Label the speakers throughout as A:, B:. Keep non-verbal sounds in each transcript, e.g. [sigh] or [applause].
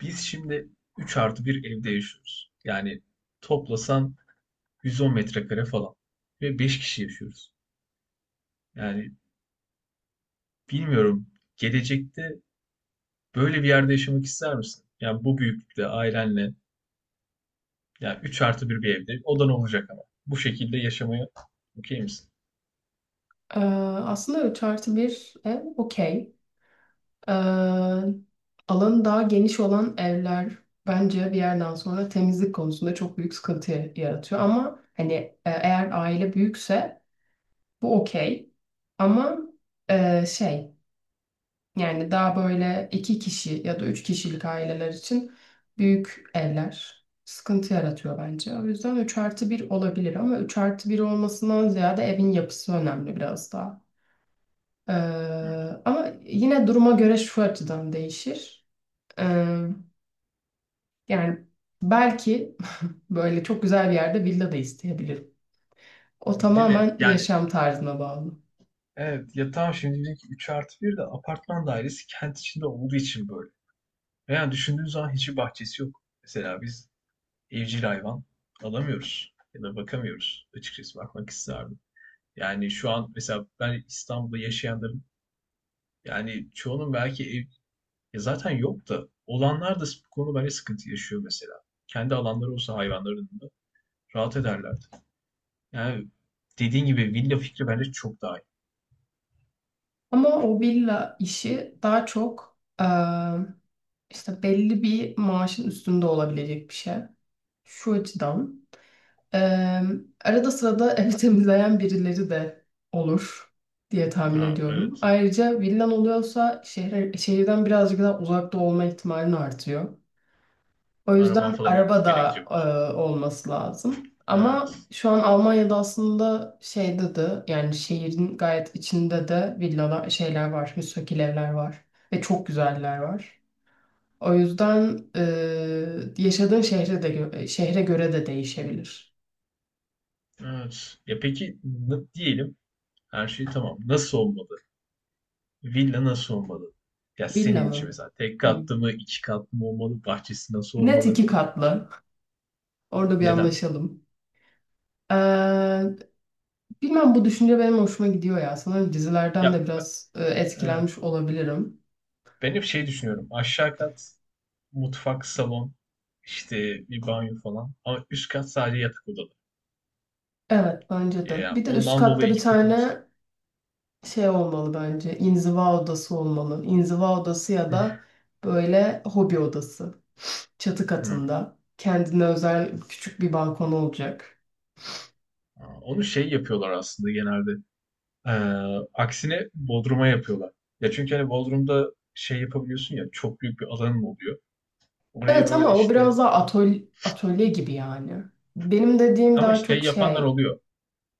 A: Biz şimdi 3 artı bir evde yaşıyoruz. Yani toplasan 110 metrekare falan. Ve 5 kişi yaşıyoruz. Yani bilmiyorum gelecekte böyle bir yerde yaşamak ister misin? Yani bu büyüklükte ailenle yani 3 artı bir evde odan olacak ama. Bu şekilde yaşamaya okey misin?
B: Ee, Aslında 3 artı 1 ev okey. Ee, Alanı daha geniş olan evler bence bir yerden sonra temizlik konusunda çok büyük sıkıntı yaratıyor. Ama hani eğer aile büyükse bu okey. Ama e, şey yani daha böyle 2 kişi ya da 3 kişilik aileler için büyük evler sıkıntı yaratıyor bence. O yüzden 3 artı 1 olabilir ama 3 artı 1 olmasından ziyade evin yapısı önemli biraz daha. Ee,
A: Hı.
B: Ama yine duruma göre şu açıdan değişir. Ee, Yani belki [laughs] böyle çok güzel bir yerde villa da isteyebilirim. O
A: Değil mi?
B: tamamen
A: Yani
B: yaşam tarzına bağlı.
A: evet ya tamam şimdi bizimki 3 artı bir de apartman dairesi kent içinde olduğu için böyle. Yani düşündüğün zaman hiçbir bahçesi yok. Mesela biz evcil hayvan alamıyoruz ya da bakamıyoruz. Açıkçası bakmak isterdim. Yani şu an mesela ben İstanbul'da yaşayanların yani çoğunun belki ev ya zaten yok da olanlar da bu konu böyle sıkıntı yaşıyor mesela. Kendi alanları olsa hayvanların da rahat ederlerdi. Yani dediğin gibi villa fikri bence çok daha iyi.
B: Ama o villa işi daha çok işte belli bir maaşın üstünde olabilecek bir şey. Şu açıdan. Eee, Arada sırada [laughs] evi temizleyen birileri de olur diye tahmin
A: Ha,
B: ediyorum.
A: evet.
B: Ayrıca villan oluyorsa şehirden birazcık daha uzakta olma ihtimalin artıyor. O
A: Araban
B: yüzden
A: falan
B: araba
A: olması gerekecek
B: da
A: o zaman.
B: olması lazım. Ama
A: Evet.
B: şu an Almanya'da aslında şeyde de yani şehrin gayet içinde de villalar şeyler var, müstakil evler var ve çok güzeller var. O yüzden yaşadığın şehre de şehre göre de değişebilir.
A: Evet. Ya peki diyelim, her şey tamam. Nasıl olmalı? Villa nasıl olmalı? Ya
B: Villa
A: senin için
B: mı?
A: mesela tek
B: Hı.
A: katlı mı, iki katlı mı olmalı? Bahçesi nasıl
B: Net
A: olmalı?
B: iki katlı. Orada bir
A: Neden?
B: anlaşalım. Ee, Bilmem bu düşünce benim hoşuma gidiyor ya. Sanırım dizilerden de
A: Ya ben,
B: biraz
A: evet.
B: etkilenmiş olabilirim.
A: Ben hep şey düşünüyorum. Aşağı kat mutfak, salon, işte bir banyo falan. Ama üst kat sadece yatak odaları.
B: Evet, bence de.
A: Ya
B: Bir de üst
A: ondan
B: katta
A: dolayı
B: bir
A: iki kat olsun.
B: tane şey olmalı bence. İnziva odası olmalı. İnziva odası ya da
A: [laughs]
B: böyle hobi odası. Çatı
A: Hmm.
B: katında. Kendine özel küçük bir balkon olacak.
A: Aa, onu şey yapıyorlar aslında genelde. Ee, Aksine Bodrum'a yapıyorlar. Ya çünkü hani Bodrum'da şey yapabiliyorsun ya, çok büyük bir alanın oluyor. Oraya
B: Evet,
A: böyle
B: ama o
A: işte.
B: biraz daha atölye, atölye gibi yani. Benim dediğim
A: Ama
B: daha
A: şey
B: çok
A: yapanlar
B: şey.
A: oluyor.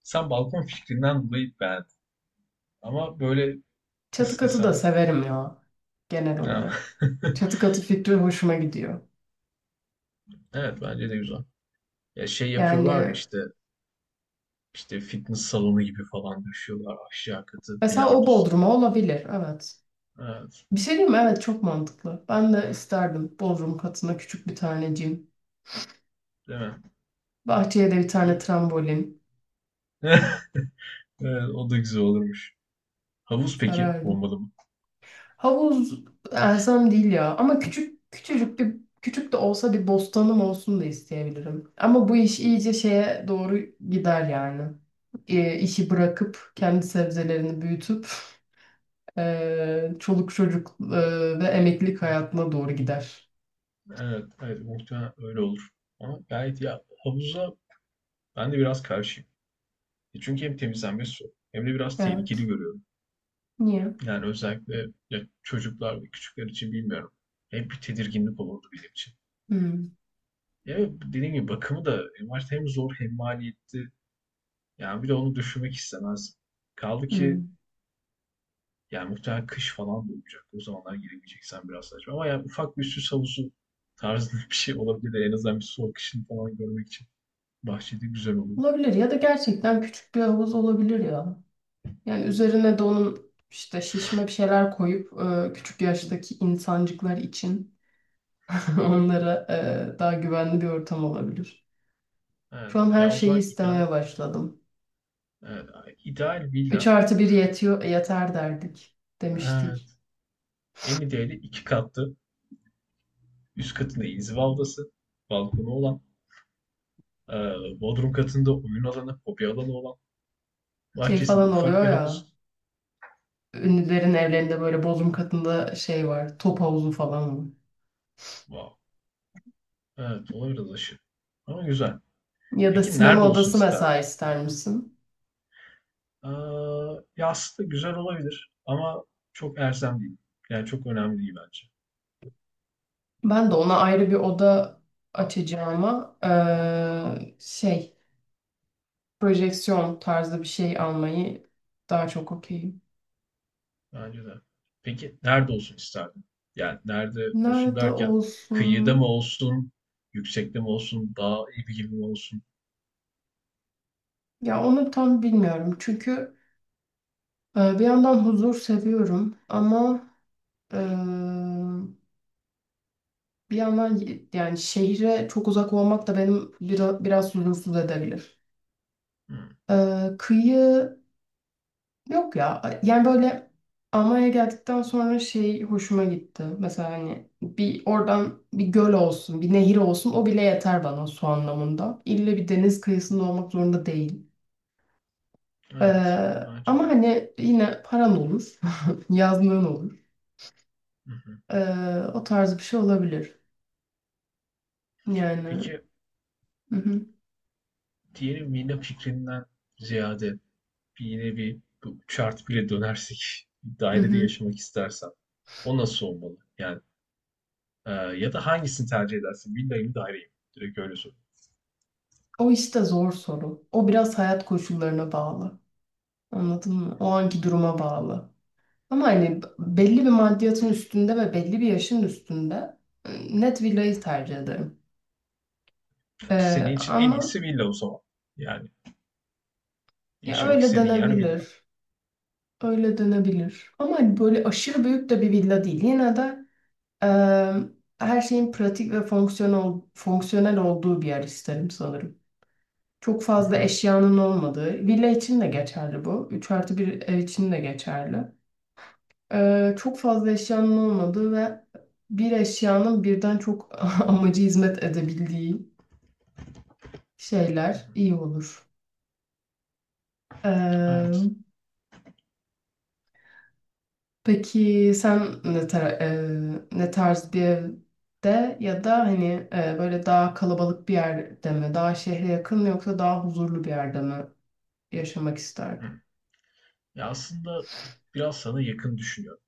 A: Sen balkon fikrinden dolayı beğendin. Ama böyle
B: Çatı
A: nasıl
B: katı da
A: desem.
B: severim ya genel
A: Ya.
B: olarak.
A: [laughs]
B: Çatı katı fikri hoşuma gidiyor.
A: Evet bence de güzel. Ya şey yapıyorlar ya
B: Yani
A: işte, işte fitness salonu gibi falan düşüyorlar aşağı katı
B: mesela o
A: bilardo salonu.
B: Bodrum'a olabilir, evet.
A: Evet.
B: Bir şey diyeyim mi? Evet, çok mantıklı. Ben de isterdim Bodrum katına küçük bir tane cim.
A: Değil mi?
B: Bahçeye de bir tane
A: İyi.
B: trambolin
A: [laughs] Evet, o da güzel olurmuş. Havuz peki
B: sarardım.
A: olmalı mı?
B: Havuz elzem değil ya ama küçük de olsa bir bostanım olsun da isteyebilirim. Ama bu iş iyice şeye doğru gider yani. İşi bırakıp kendi sebzelerini büyütüp çoluk çocuk ve emeklilik hayatına doğru gider.
A: Evet, evet muhtemelen öyle olur. Ama gayet ya havuza ben de biraz karşıyım. E çünkü hem temizlenmesi su hem de biraz tehlikeli
B: Evet.
A: görüyorum.
B: Niye?
A: Yani özellikle ya çocuklar ve küçükler için bilmiyorum. Hep bir tedirginlik olurdu benim için.
B: Hmm,
A: Ya dediğim gibi bakımı da en başta hem zor hem maliyetli. Yani bir de onu düşünmek istemez. Kaldı ki
B: hmm.
A: yani muhtemelen kış falan da olacak. O zamanlar giremeyeceksen biraz saçma. Ama yani ufak bir süs havuzu tarzında [laughs] bir şey olabilir. En azından bir soğuk kışını falan görmek için bahçede güzel olurdu.
B: Olabilir ya da gerçekten küçük bir havuz olabilir ya. Yani üzerine de onun işte şişme bir şeyler koyup küçük yaştaki insancıklar için [laughs] onlara daha güvenli bir ortam olabilir.
A: Evet.
B: Şu an her
A: Ya o
B: şeyi
A: zaman ideal,
B: istemeye başladım.
A: evet, ideal
B: 3
A: villa.
B: artı bir yetiyor, yeter derdik demiştik.
A: Evet. En ideali iki katlı. Üst katında inziva odası, balkonu olan. Ee, Bodrum katında oyun alanı, hobi alanı olan,
B: Şey
A: bahçesinde
B: falan
A: ufak
B: oluyor
A: bir
B: ya.
A: havuz.
B: Ünlülerin evlerinde böyle bodrum katında şey var. Top havuzu falan var.
A: Wow. Evet, olabilir dışı. Ama güzel.
B: Ya da
A: Peki nerede
B: sinema
A: olsun
B: odası
A: isterdin?
B: mesela ister misin?
A: Aa, ya aslında güzel olabilir ama çok erzem değil. Yani çok önemli değil bence.
B: Ben de ona ayrı bir oda açacağıma projeksiyon tarzı bir şey almayı daha çok okeyim.
A: Bence de. Peki nerede olsun isterdin? Yani nerede olsun
B: Nerede
A: derken kıyıda mı
B: olsun?
A: olsun, yüksekte mi olsun, dağ evi gibi mi olsun?
B: Ya onu tam bilmiyorum. Çünkü bir yandan huzur seviyorum ama eee, bir yandan yani şehre çok uzak olmak da benim biraz huzursuz edebilir.
A: Hmm,
B: Kıyı Yok ya, yani böyle Almanya'ya geldikten sonra şey hoşuma gitti. Mesela hani bir oradan bir göl olsun, bir nehir olsun, o bile yeter bana su anlamında. İlle bir deniz kıyısında olmak zorunda değil. Ee,
A: evet, bence
B: Ama
A: de.
B: hani yine paran olur, [laughs] yazlığın olur.
A: Hı hı.
B: Ee, O tarz bir şey olabilir. Yani
A: Peki
B: hı hı,
A: diyelim villa fikrinden ziyade yine bir bu chart bile dönersek bir
B: hı
A: dairede
B: hı.
A: yaşamak istersen o nasıl olmalı? Yani ya da hangisini tercih edersin? Villayı mı daireyi mi? Direkt öyle sor.
B: O işte zor soru. O biraz hayat koşullarına bağlı. Anladın mı? O anki duruma bağlı. Ama hani belli bir maddiyatın üstünde ve belli bir yaşın üstünde net villayı tercih ederim.
A: Senin için en
B: Ama
A: iyisi villa o zaman. Yani
B: ya
A: yaşamak
B: öyle
A: istediğin yer villa.
B: denebilir. Öyle denebilir. Ama hani böyle aşırı büyük de bir villa değil. Yine de e, her şeyin pratik ve fonksiyonel olduğu bir yer isterim sanırım. Çok fazla eşyanın olmadığı. Villa için de geçerli bu. 3 artı bir ev için de geçerli. Çok fazla eşyanın olmadığı ve bir eşyanın birden çok [laughs] amacı hizmet edebildiği şeyler
A: [laughs]
B: iyi olur. Ee,
A: Evet.
B: peki sen ne tarz bir evde ya da hani böyle daha kalabalık bir yerde mi, daha şehre yakın mı, yoksa daha huzurlu bir yerde mi yaşamak isterdin?
A: Ya aslında biraz sana yakın düşünüyorum.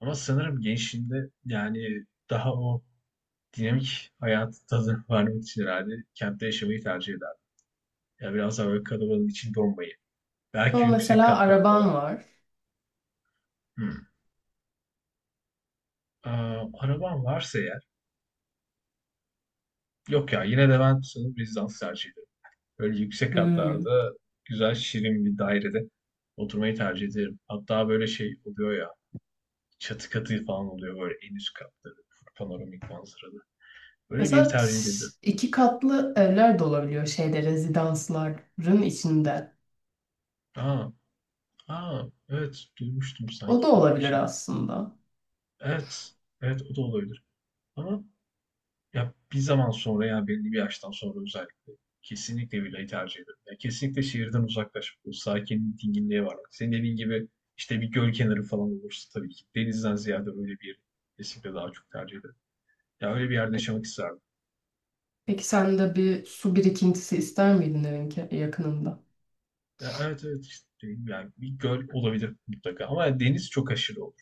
A: Ama sanırım gençliğinde yani daha o dinamik hayatı tadını vermek [laughs] için herhalde kentte yaşamayı tercih ederdim. Ya biraz daha böyle kalabalığın içinde olmayı.
B: Ama
A: Belki yüksek
B: mesela
A: katlarda.
B: araban var.
A: Hı. Ee, Arabam varsa eğer. Yok ya, yine de ben sanırım rezidans tercih ederim. Böyle yüksek
B: Hmm.
A: katlarda güzel şirin bir dairede oturmayı tercih ederim. Hatta böyle şey oluyor ya, çatı katı falan oluyor böyle en üst katları panoramik manzaralı. Böyle bir
B: Mesela
A: tercih edebilirim.
B: iki katlı evler de olabiliyor şeyde rezidansların içinde.
A: Aa, aa evet duymuştum
B: O da
A: sanki öyle bir
B: olabilir
A: şey.
B: aslında.
A: Evet, evet o da olabilir. Ama ya bir zaman sonra yani belli bir yaştan sonra özellikle kesinlikle villayı tercih ederim. Ya kesinlikle şehirden uzaklaşıp bu sakinlik, dinginliğe varmak. Senin dediğin gibi işte bir göl kenarı falan olursa tabii ki denizden ziyade öyle bir yeri kesinlikle daha çok tercih ederim. Ya öyle bir yerde yaşamak isterdim.
B: Peki sen de bir su birikintisi ister miydin evin yakınında?
A: Ya evet, evet işte dediğim gibi, yani bir göl olabilir mutlaka ama deniz çok aşırı olur.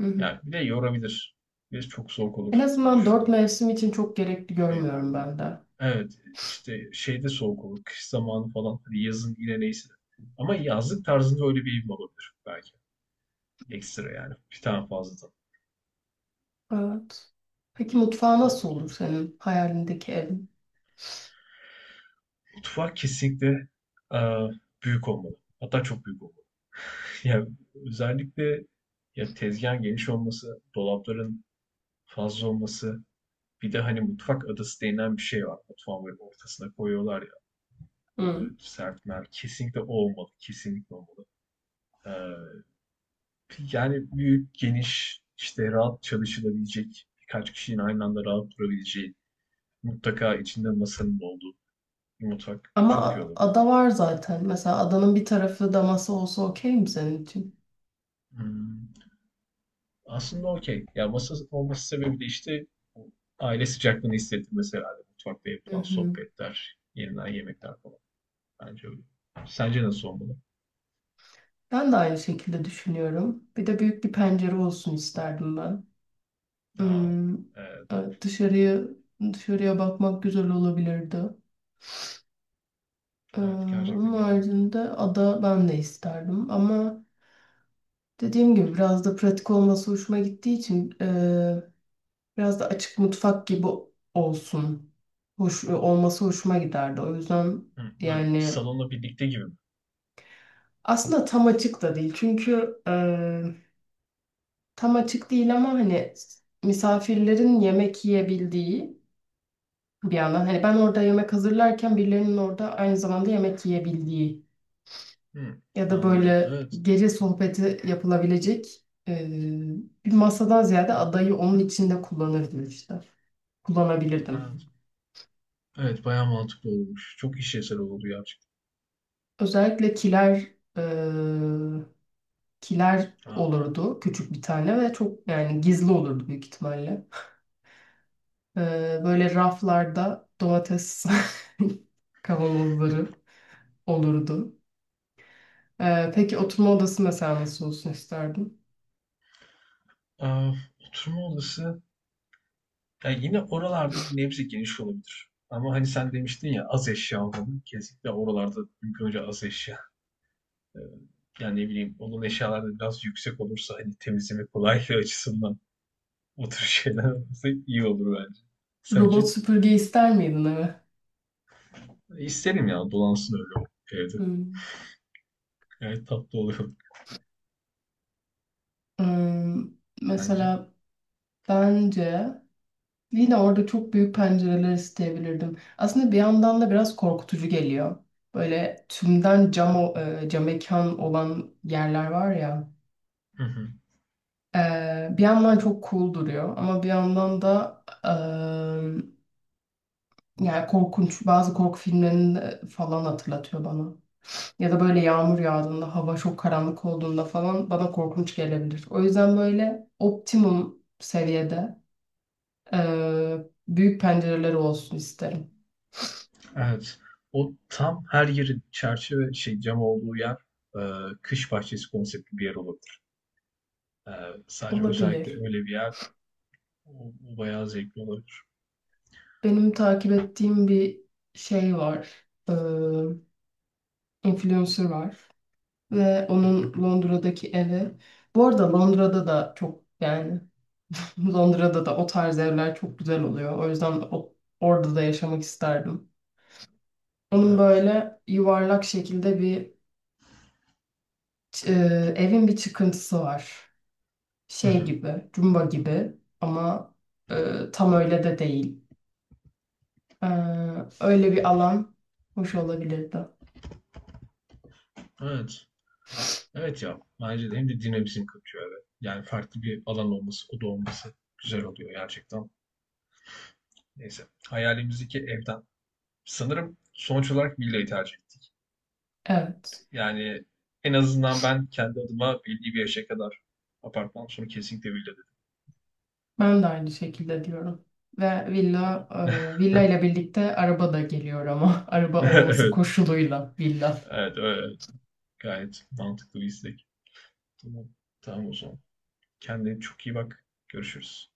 B: Hı hı.
A: Yani bir de yorabilir. Bir de çok soğuk
B: En
A: olur gibi
B: azından dört
A: düşünüyorum
B: mevsim için çok gerekli görmüyorum
A: şeylerde.
B: ben de.
A: Evet, işte şeyde soğuk olur, kış zamanı falan, hani yazın yine neyse. Ama yazlık tarzında öyle bir evim olabilir belki. Ekstra yani, bir tane fazladan
B: Evet. Peki mutfağı nasıl
A: olur.
B: olur senin hayalindeki evin?
A: Mutfak kesinlikle eee, büyük olmalı. Hatta çok büyük olmalı. [laughs] Yani özellikle ya tezgahın geniş olması, dolapların fazla olması, bir de hani mutfak adası denilen bir şey var. Mutfağın böyle ortasına koyuyorlar ya,
B: Hı.
A: böyle sert mer. Kesinlikle o olmalı, kesinlikle olmalı. Eee Yani büyük, geniş, işte rahat çalışılabilecek, birkaç kişinin aynı anda rahat durabileceği, mutlaka içinde masanın da olduğu bir mutfak
B: Ama
A: çok iyi olurdu.
B: ada var zaten. Mesela adanın bir tarafı da masa olsa okey mi senin için?
A: Hmm. Aslında okey. Ya masa olması sebebi de işte o aile sıcaklığını hissettirmesi herhalde. Mutfakta
B: Hı
A: yapılan
B: hı.
A: sohbetler, yenilen yemekler falan. Bence öyle. Sence nasıl olmalı?
B: Ben de aynı şekilde düşünüyorum. Bir de büyük bir pencere olsun isterdim ben.
A: Aa,
B: Hmm,
A: evet,
B: evet, dışarıya bakmak güzel olabilirdi.
A: evet gerçekten
B: Onun
A: iyi olurdu.
B: haricinde ada ben de isterdim ama dediğim gibi biraz da pratik olması hoşuma gittiği için biraz da açık mutfak gibi olsun. Hoş, olması hoşuma giderdi. O yüzden
A: Hı, böyle
B: yani
A: salonla birlikte gibi mi?
B: aslında tam açık da değil. Çünkü tam açık değil ama hani misafirlerin yemek yiyebildiği, bir yandan hani ben orada yemek hazırlarken birilerinin orada aynı zamanda yemek yiyebildiği
A: Hı,
B: ya da
A: anladım.
B: böyle
A: Evet,
B: gece sohbeti yapılabilecek bir masadan ziyade adayı onun içinde kullanırdım işte.
A: evet.
B: Kullanabilirdim.
A: Evet bayağı mantıklı olmuş. Çok işlevsel oldu gerçekten.
B: Özellikle e, kiler
A: Aa,
B: olurdu küçük bir tane ve çok yani gizli olurdu büyük ihtimalle. E, Böyle raflarda domates [laughs] kavanozları olurdu. Peki oturma odası mesela nasıl olsun isterdin?
A: aa, oturma odası ya yine oralarda bir nebze geniş olabilir. Ama hani sen demiştin ya az eşya olmalı. Kesinlikle oralarda mümkün olunca az eşya. Ee, Yani ne bileyim onun eşyaları da biraz yüksek olursa hani temizleme kolaylığı açısından o tür [laughs] şeyler olursa iyi olur bence. Sence?
B: Robot süpürge ister miydin eve?
A: İsterim ya, dolansın öyle o evde.
B: Hmm.
A: Gayet tatlı oluyor
B: Hmm.
A: [laughs] bence.
B: Mesela Bence yine orada çok büyük pencereler isteyebilirdim. Aslında bir yandan da biraz korkutucu geliyor. Böyle tümden cam, cam mekan olan yerler var ya.
A: Hı hı.
B: Bir yandan çok cool duruyor ama bir yandan da yani korkunç bazı korku filmlerini de falan hatırlatıyor bana. Ya da böyle yağmur yağdığında, hava çok karanlık olduğunda falan bana korkunç gelebilir. O yüzden böyle optimum seviyede e, büyük pencereleri olsun isterim.
A: Evet. O tam her yeri çerçeve şey cam olduğu yer, e, kış bahçesi konseptli bir yer olabilir. E, Sadece özellikle
B: Olabilir.
A: öyle bir yer o, o bayağı zevkli olabilir.
B: Benim takip ettiğim bir şey var. Influencer var. Ve
A: Hı hı.
B: onun Londra'daki evi. Bu arada Londra'da da çok yani [laughs] Londra'da da o tarz evler çok güzel oluyor. O yüzden orada da yaşamak isterdim. Onun
A: Evet.
B: böyle yuvarlak şekilde bir ç- evin bir çıkıntısı var.
A: Hı
B: Şey
A: hı.
B: gibi, cumba gibi ama tam öyle de değil. Ee, Öyle bir alan hoş olabilirdi.
A: Evet. Evet ya bence de, hem de dinamizm katıyor eve. Yani farklı bir alan olması, oda olması güzel oluyor gerçekten. Neyse. Hayalimizdeki evden. Sanırım sonuç olarak villayı tercih ettim.
B: Evet.
A: Yani en azından ben kendi adıma belli bir yaşa kadar apartman, sonra kesinlikle villa dedim.
B: Ben de aynı şekilde diyorum. Ve
A: Tamam. [laughs]
B: villa ile birlikte araba da geliyor ama [laughs] araba olması
A: Evet.
B: koşuluyla villa.
A: Evet. Öyle. Gayet mantıklı bir istek. Tamam. Tamam o zaman. Kendine çok iyi bak. Görüşürüz.